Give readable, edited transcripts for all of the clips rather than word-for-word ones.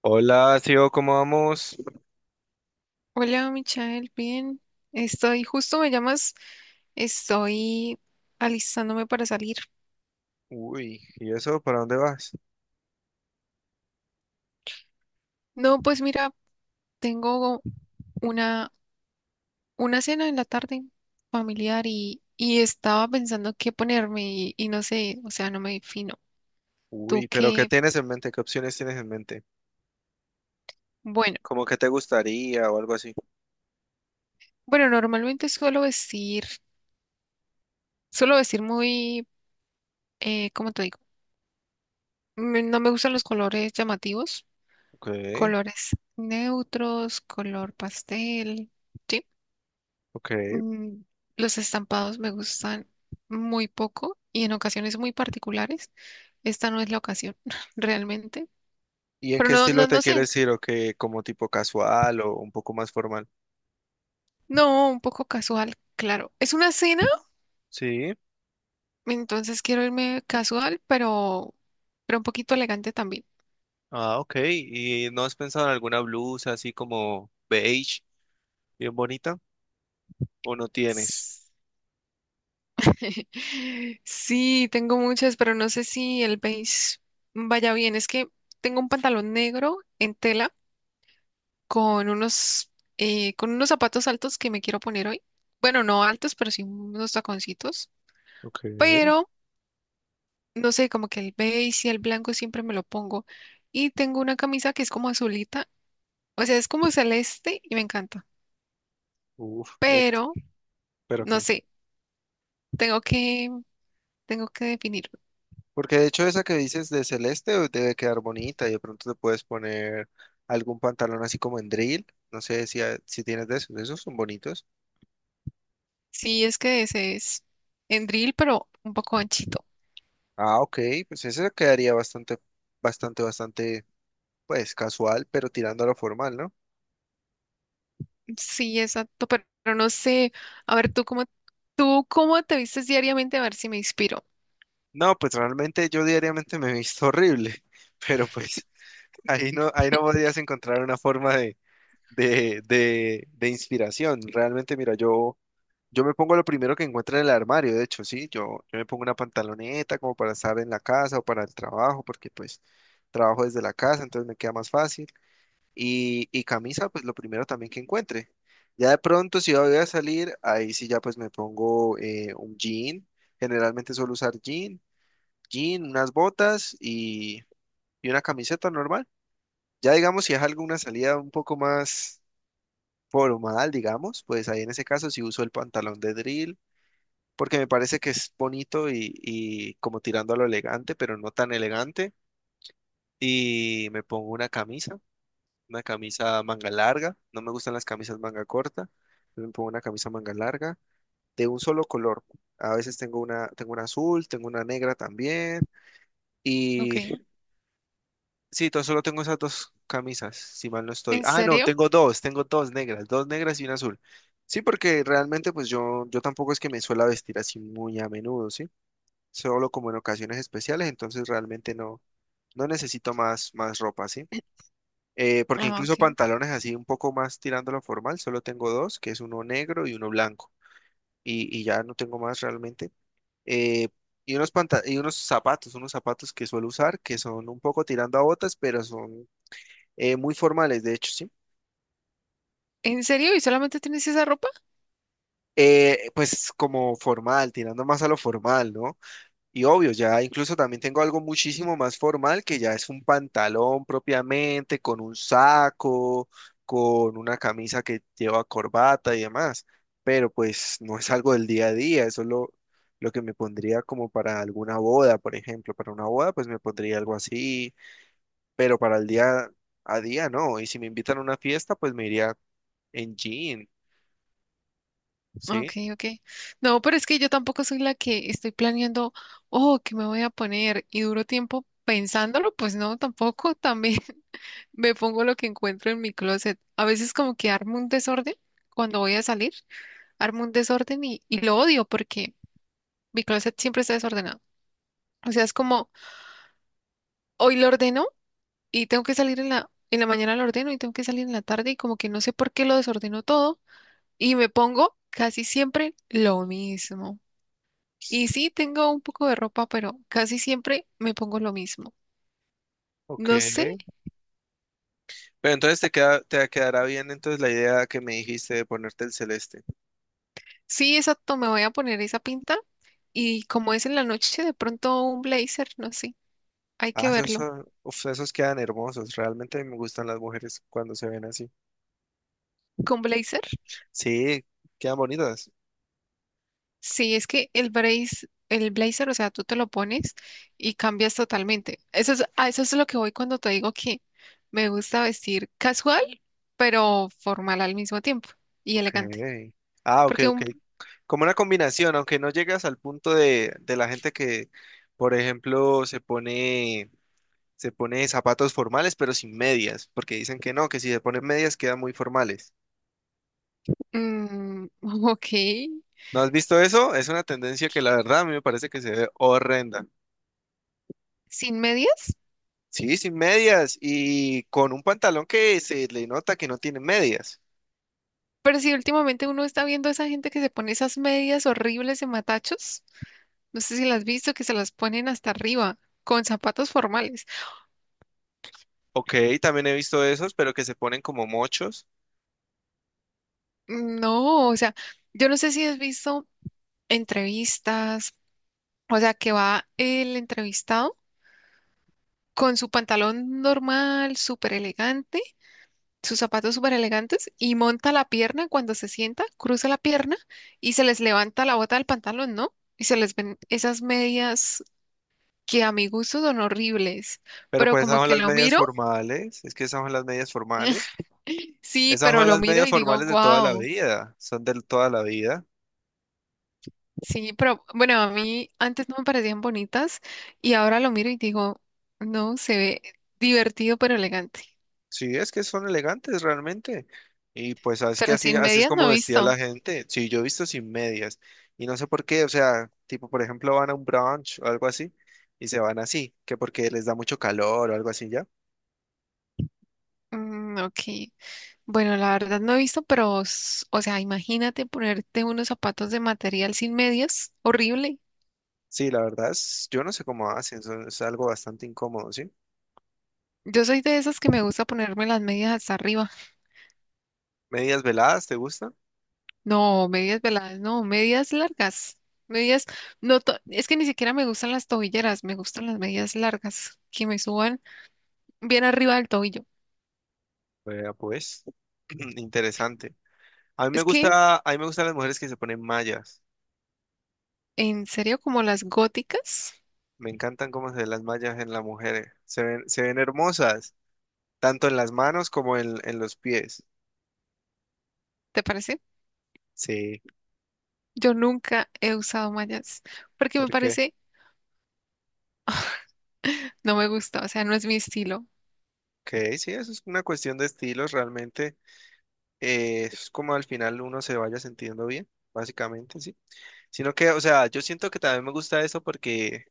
Hola, tío, ¿cómo vamos? Hola, Michael, bien. Estoy, justo me llamas, estoy alistándome para salir. Uy, ¿y eso? ¿Para dónde vas? No, pues mira, tengo una, una cena en la tarde familiar y estaba pensando qué ponerme y no sé, o sea, no me defino. ¿Tú Uy, pero ¿qué qué? tienes en mente? ¿Qué opciones tienes en mente? Bueno, ¿Cómo que te gustaría o algo así? bueno, normalmente suelo vestir muy, ¿cómo te digo? No me gustan los colores llamativos, Ok, colores neutros, color pastel. ¿Sí? ok. mm, los estampados me gustan muy poco y en ocasiones muy particulares. Esta no es la ocasión, realmente. ¿Y en Pero qué estilo te no sé. quieres ir? ¿O qué? ¿Como tipo casual o un poco más formal? No, un poco casual, claro. Es una cena, Sí. entonces quiero irme casual, pero un poquito elegante también. Ah, ok. ¿Y no has pensado en alguna blusa así como beige, bien bonita? ¿O no tienes? S- Sí, tengo muchas, pero no sé si el beige vaya bien. Es que tengo un pantalón negro en tela con con unos zapatos altos que me quiero poner hoy. Bueno, no altos, pero sí unos taconcitos. Ok. Pero, no sé, como que el beige y el blanco siempre me lo pongo. Y tengo una camisa que es como azulita, o sea, es como celeste y me encanta. Uf, ent- Pero, ¿Pero no qué? sé, tengo que, tengo que definirlo. Porque de hecho esa que dices de celeste debe quedar bonita y de pronto te puedes poner algún pantalón así como en drill. No sé si tienes de esos. Esos son bonitos. Sí, es que ese es en drill, pero un poco anchito. Ah, ok. Pues ese quedaría bastante, bastante, bastante, pues casual, pero tirando a lo formal, ¿no? Sí, exacto, pero no sé. A ver, tú cómo te vistes diariamente, a ver si me inspiro. No, pues realmente yo diariamente me he visto horrible, pero pues ahí no podrías encontrar una forma de inspiración. Realmente, mira, yo... Yo me pongo lo primero que encuentre en el armario, de hecho, sí, yo me pongo una pantaloneta como para estar en la casa o para el trabajo, porque pues trabajo desde la casa, entonces me queda más fácil. Y camisa, pues lo primero también que encuentre. Ya de pronto, si voy a salir, ahí sí ya pues me pongo un jean, generalmente suelo usar jean, jean, unas botas y una camiseta normal. Ya digamos, si es alguna salida un poco más formal, digamos, pues ahí en ese caso sí uso el pantalón de drill porque me parece que es bonito y como tirando a lo elegante, pero no tan elegante. Y me pongo una camisa manga larga. No me gustan las camisas manga corta. Me pongo una camisa manga larga de un solo color. A veces tengo una azul, tengo una negra también. Ok, Y sí, solo tengo esas dos camisas, si mal no estoy. ¿en Ah, no, serio? Tengo dos negras y una azul. Sí, porque realmente pues yo tampoco es que me suela vestir así muy a menudo, ¿sí? Solo como en ocasiones especiales, entonces realmente no, no necesito más, más ropa, ¿sí? Porque Ah, incluso ok. pantalones así un poco más tirándolo formal, solo tengo dos, que es uno negro y uno blanco, y ya no tengo más realmente. Eh, y y unos zapatos que suelo usar, que son un poco tirando a botas, pero son muy formales, de hecho, ¿sí? ¿En serio? ¿Y solamente tienes esa ropa? Pues como formal, tirando más a lo formal, ¿no? Y obvio, ya incluso también tengo algo muchísimo más formal que ya es un pantalón propiamente, con un saco, con una camisa que lleva corbata y demás. Pero pues no es algo del día a día, eso es lo que me pondría como para alguna boda, por ejemplo. Para una boda pues me pondría algo así, pero para el día a día no. Y si me invitan a una fiesta pues me iría en jean, ¿sí? Ok, ok. No, pero es que yo tampoco soy la que estoy planeando, oh, ¿qué me voy a poner? Y duro tiempo pensándolo, pues no, tampoco. También me pongo lo que encuentro en mi closet. A veces como que armo un desorden cuando voy a salir, armo un desorden y lo odio porque mi closet siempre está desordenado. O sea, es como... hoy lo ordeno y tengo que salir en en la mañana lo ordeno y tengo que salir en la tarde y como que no sé por qué lo desordeno todo y me pongo casi siempre lo mismo. Y sí, tengo un poco de ropa, pero casi siempre me pongo lo mismo. Ok. No sé, Pero entonces te queda, te quedará bien entonces la idea que me dijiste de ponerte el celeste. sí, exacto, me voy a poner esa pinta y como es en la noche, de pronto un blazer, no sé, hay que Ah, esos verlo. son, uf, esos quedan hermosos. Realmente me gustan las mujeres cuando se ven así. ¿Con blazer? Sí, quedan bonitas. Sí, es que el brace, el blazer, o sea, tú te lo pones y cambias totalmente. Eso es, a eso es lo que voy cuando te digo que me gusta vestir casual, pero formal al mismo tiempo y Ok. elegante. Ah, ok, Porque un, ok. Como una combinación, aunque no llegas al punto de la gente que, por ejemplo, se pone zapatos formales, pero sin medias, porque dicen que no, que si se ponen medias quedan muy formales. mm, ok, ¿No has visto eso? Es una tendencia que la verdad a mí me parece que se ve horrenda. sin medias, Sí, sin medias y con un pantalón que se le nota que no tiene medias. pero si últimamente uno está viendo a esa gente que se pone esas medias horribles de matachos, no sé si las has visto, que se las ponen hasta arriba con zapatos formales. Ok, también he visto esos, pero que se ponen como mochos. No, o sea, yo no sé si has visto entrevistas. O sea, que va el entrevistado con su pantalón normal, súper elegante, sus zapatos súper elegantes y monta la pierna cuando se sienta, cruza la pierna y se les levanta la bota del pantalón, ¿no? Y se les ven esas medias que a mi gusto son horribles, Pero pero pues esas como son que las lo medias miro, formales, es que esas son las medias formales. sí, Esas pero son lo las miro medias y digo, formales de toda la wow. vida, son de toda la vida. Sí, pero bueno, a mí antes no me parecían bonitas y ahora lo miro y digo, no, se ve divertido pero elegante. Sí, es que son elegantes realmente. Y pues sabes que Pero así, sin así es medias no como he vestía la visto. gente. Sí, yo he visto sin medias. Y no sé por qué, o sea, tipo, por ejemplo, van a un brunch o algo así y se van así, que porque les da mucho calor o algo así ya. Mm, ok. Bueno, la verdad no he visto, pero, o sea, imagínate ponerte unos zapatos de material sin medias. Horrible. Sí, la verdad es, yo no sé cómo hacen, es algo bastante incómodo, ¿sí? Yo soy de esas que me gusta ponerme las medias hasta arriba. Medias veladas, ¿te gustan? No, medias veladas, no, medias largas. Medias, no, es que ni siquiera me gustan las tobilleras, me gustan las medias largas, que me suban bien arriba del tobillo. Vea, pues, interesante. A mí me Es que, gusta, a mí me gustan las mujeres que se ponen mallas. en serio, como las góticas, Me encantan cómo se ven las mallas en las mujeres. Se ven hermosas, tanto en las manos como en los pies. ¿te parece? Sí, Yo nunca he usado mallas, porque me porque, parece, no me gusta, o sea, no es mi estilo. ok, sí, eso es una cuestión de estilos realmente. Eh, es como al final uno se vaya sintiendo bien, básicamente, sí. Sino que, o sea, yo siento que también me gusta eso porque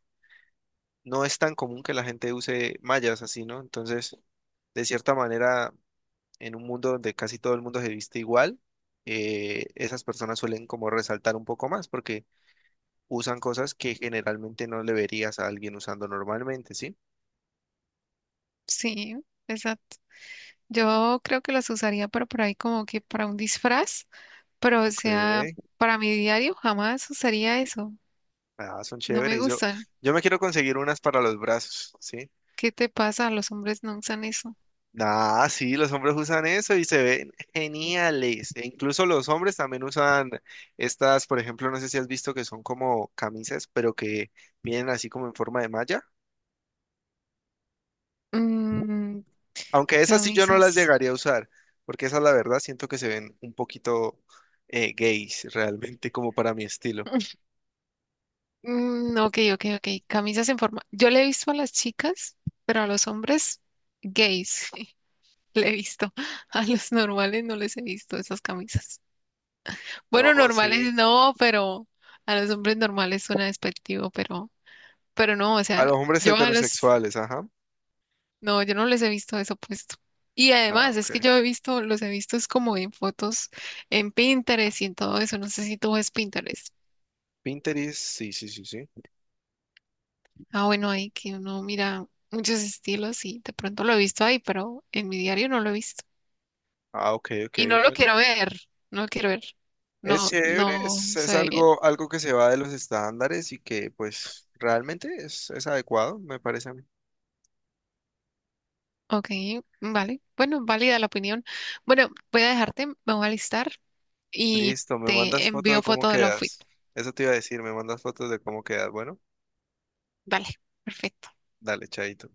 no es tan común que la gente use mallas así, ¿no? Entonces, de cierta manera, en un mundo donde casi todo el mundo se viste igual, esas personas suelen como resaltar un poco más porque usan cosas que generalmente no le verías a alguien usando normalmente, ¿sí? Sí, exacto. Yo creo que las usaría, pero por ahí como que para un disfraz, pero o Ok. sea, para mi diario jamás usaría eso. Ah, son No me chéveres. Gustan. Yo me quiero conseguir unas para los brazos, ¿sí? ¿Qué te pasa? Los hombres no usan eso. Ah, sí, los hombres usan eso y se ven geniales. E incluso los hombres también usan estas, por ejemplo, no sé si has visto que son como camisas, pero que vienen así como en forma de malla. Mm, Aunque esas sí yo no las camisas. llegaría a usar, porque esas la verdad siento que se ven un poquito gays realmente, como para mi estilo. Mm, ok, ok, ok. Camisas en forma. Yo le he visto a las chicas, pero a los hombres gays le he visto. A los normales no les he visto esas camisas. No, Bueno, sí. normales no, pero a los hombres normales suena despectivo, pero no, o A sea, los hombres yo a los, heterosexuales, ajá. no, yo no les he visto eso puesto. Y Ah, además, es que ok. yo he visto, los he visto es como en fotos en Pinterest y en todo eso. No sé si tú ves Pinterest. Pinterest, sí, sí, sí, sí. Ah, bueno, ahí que uno mira muchos estilos y de pronto lo he visto ahí, pero en mi diario no lo he visto. Ah, ok, ok, Y bueno. No lo quiero ver. Es No, chévere, no se es ve bien. algo, algo que se va de los estándares y que pues realmente es adecuado, me parece a mí. Ok, vale. Bueno, válida la opinión. Bueno, voy a dejarte, me voy a listar y Listo, me te mandas foto envío de cómo foto del outfit. quedas. Eso te iba a decir, me mandas fotos de cómo quedas. Bueno, Vale, perfecto. dale, chaito.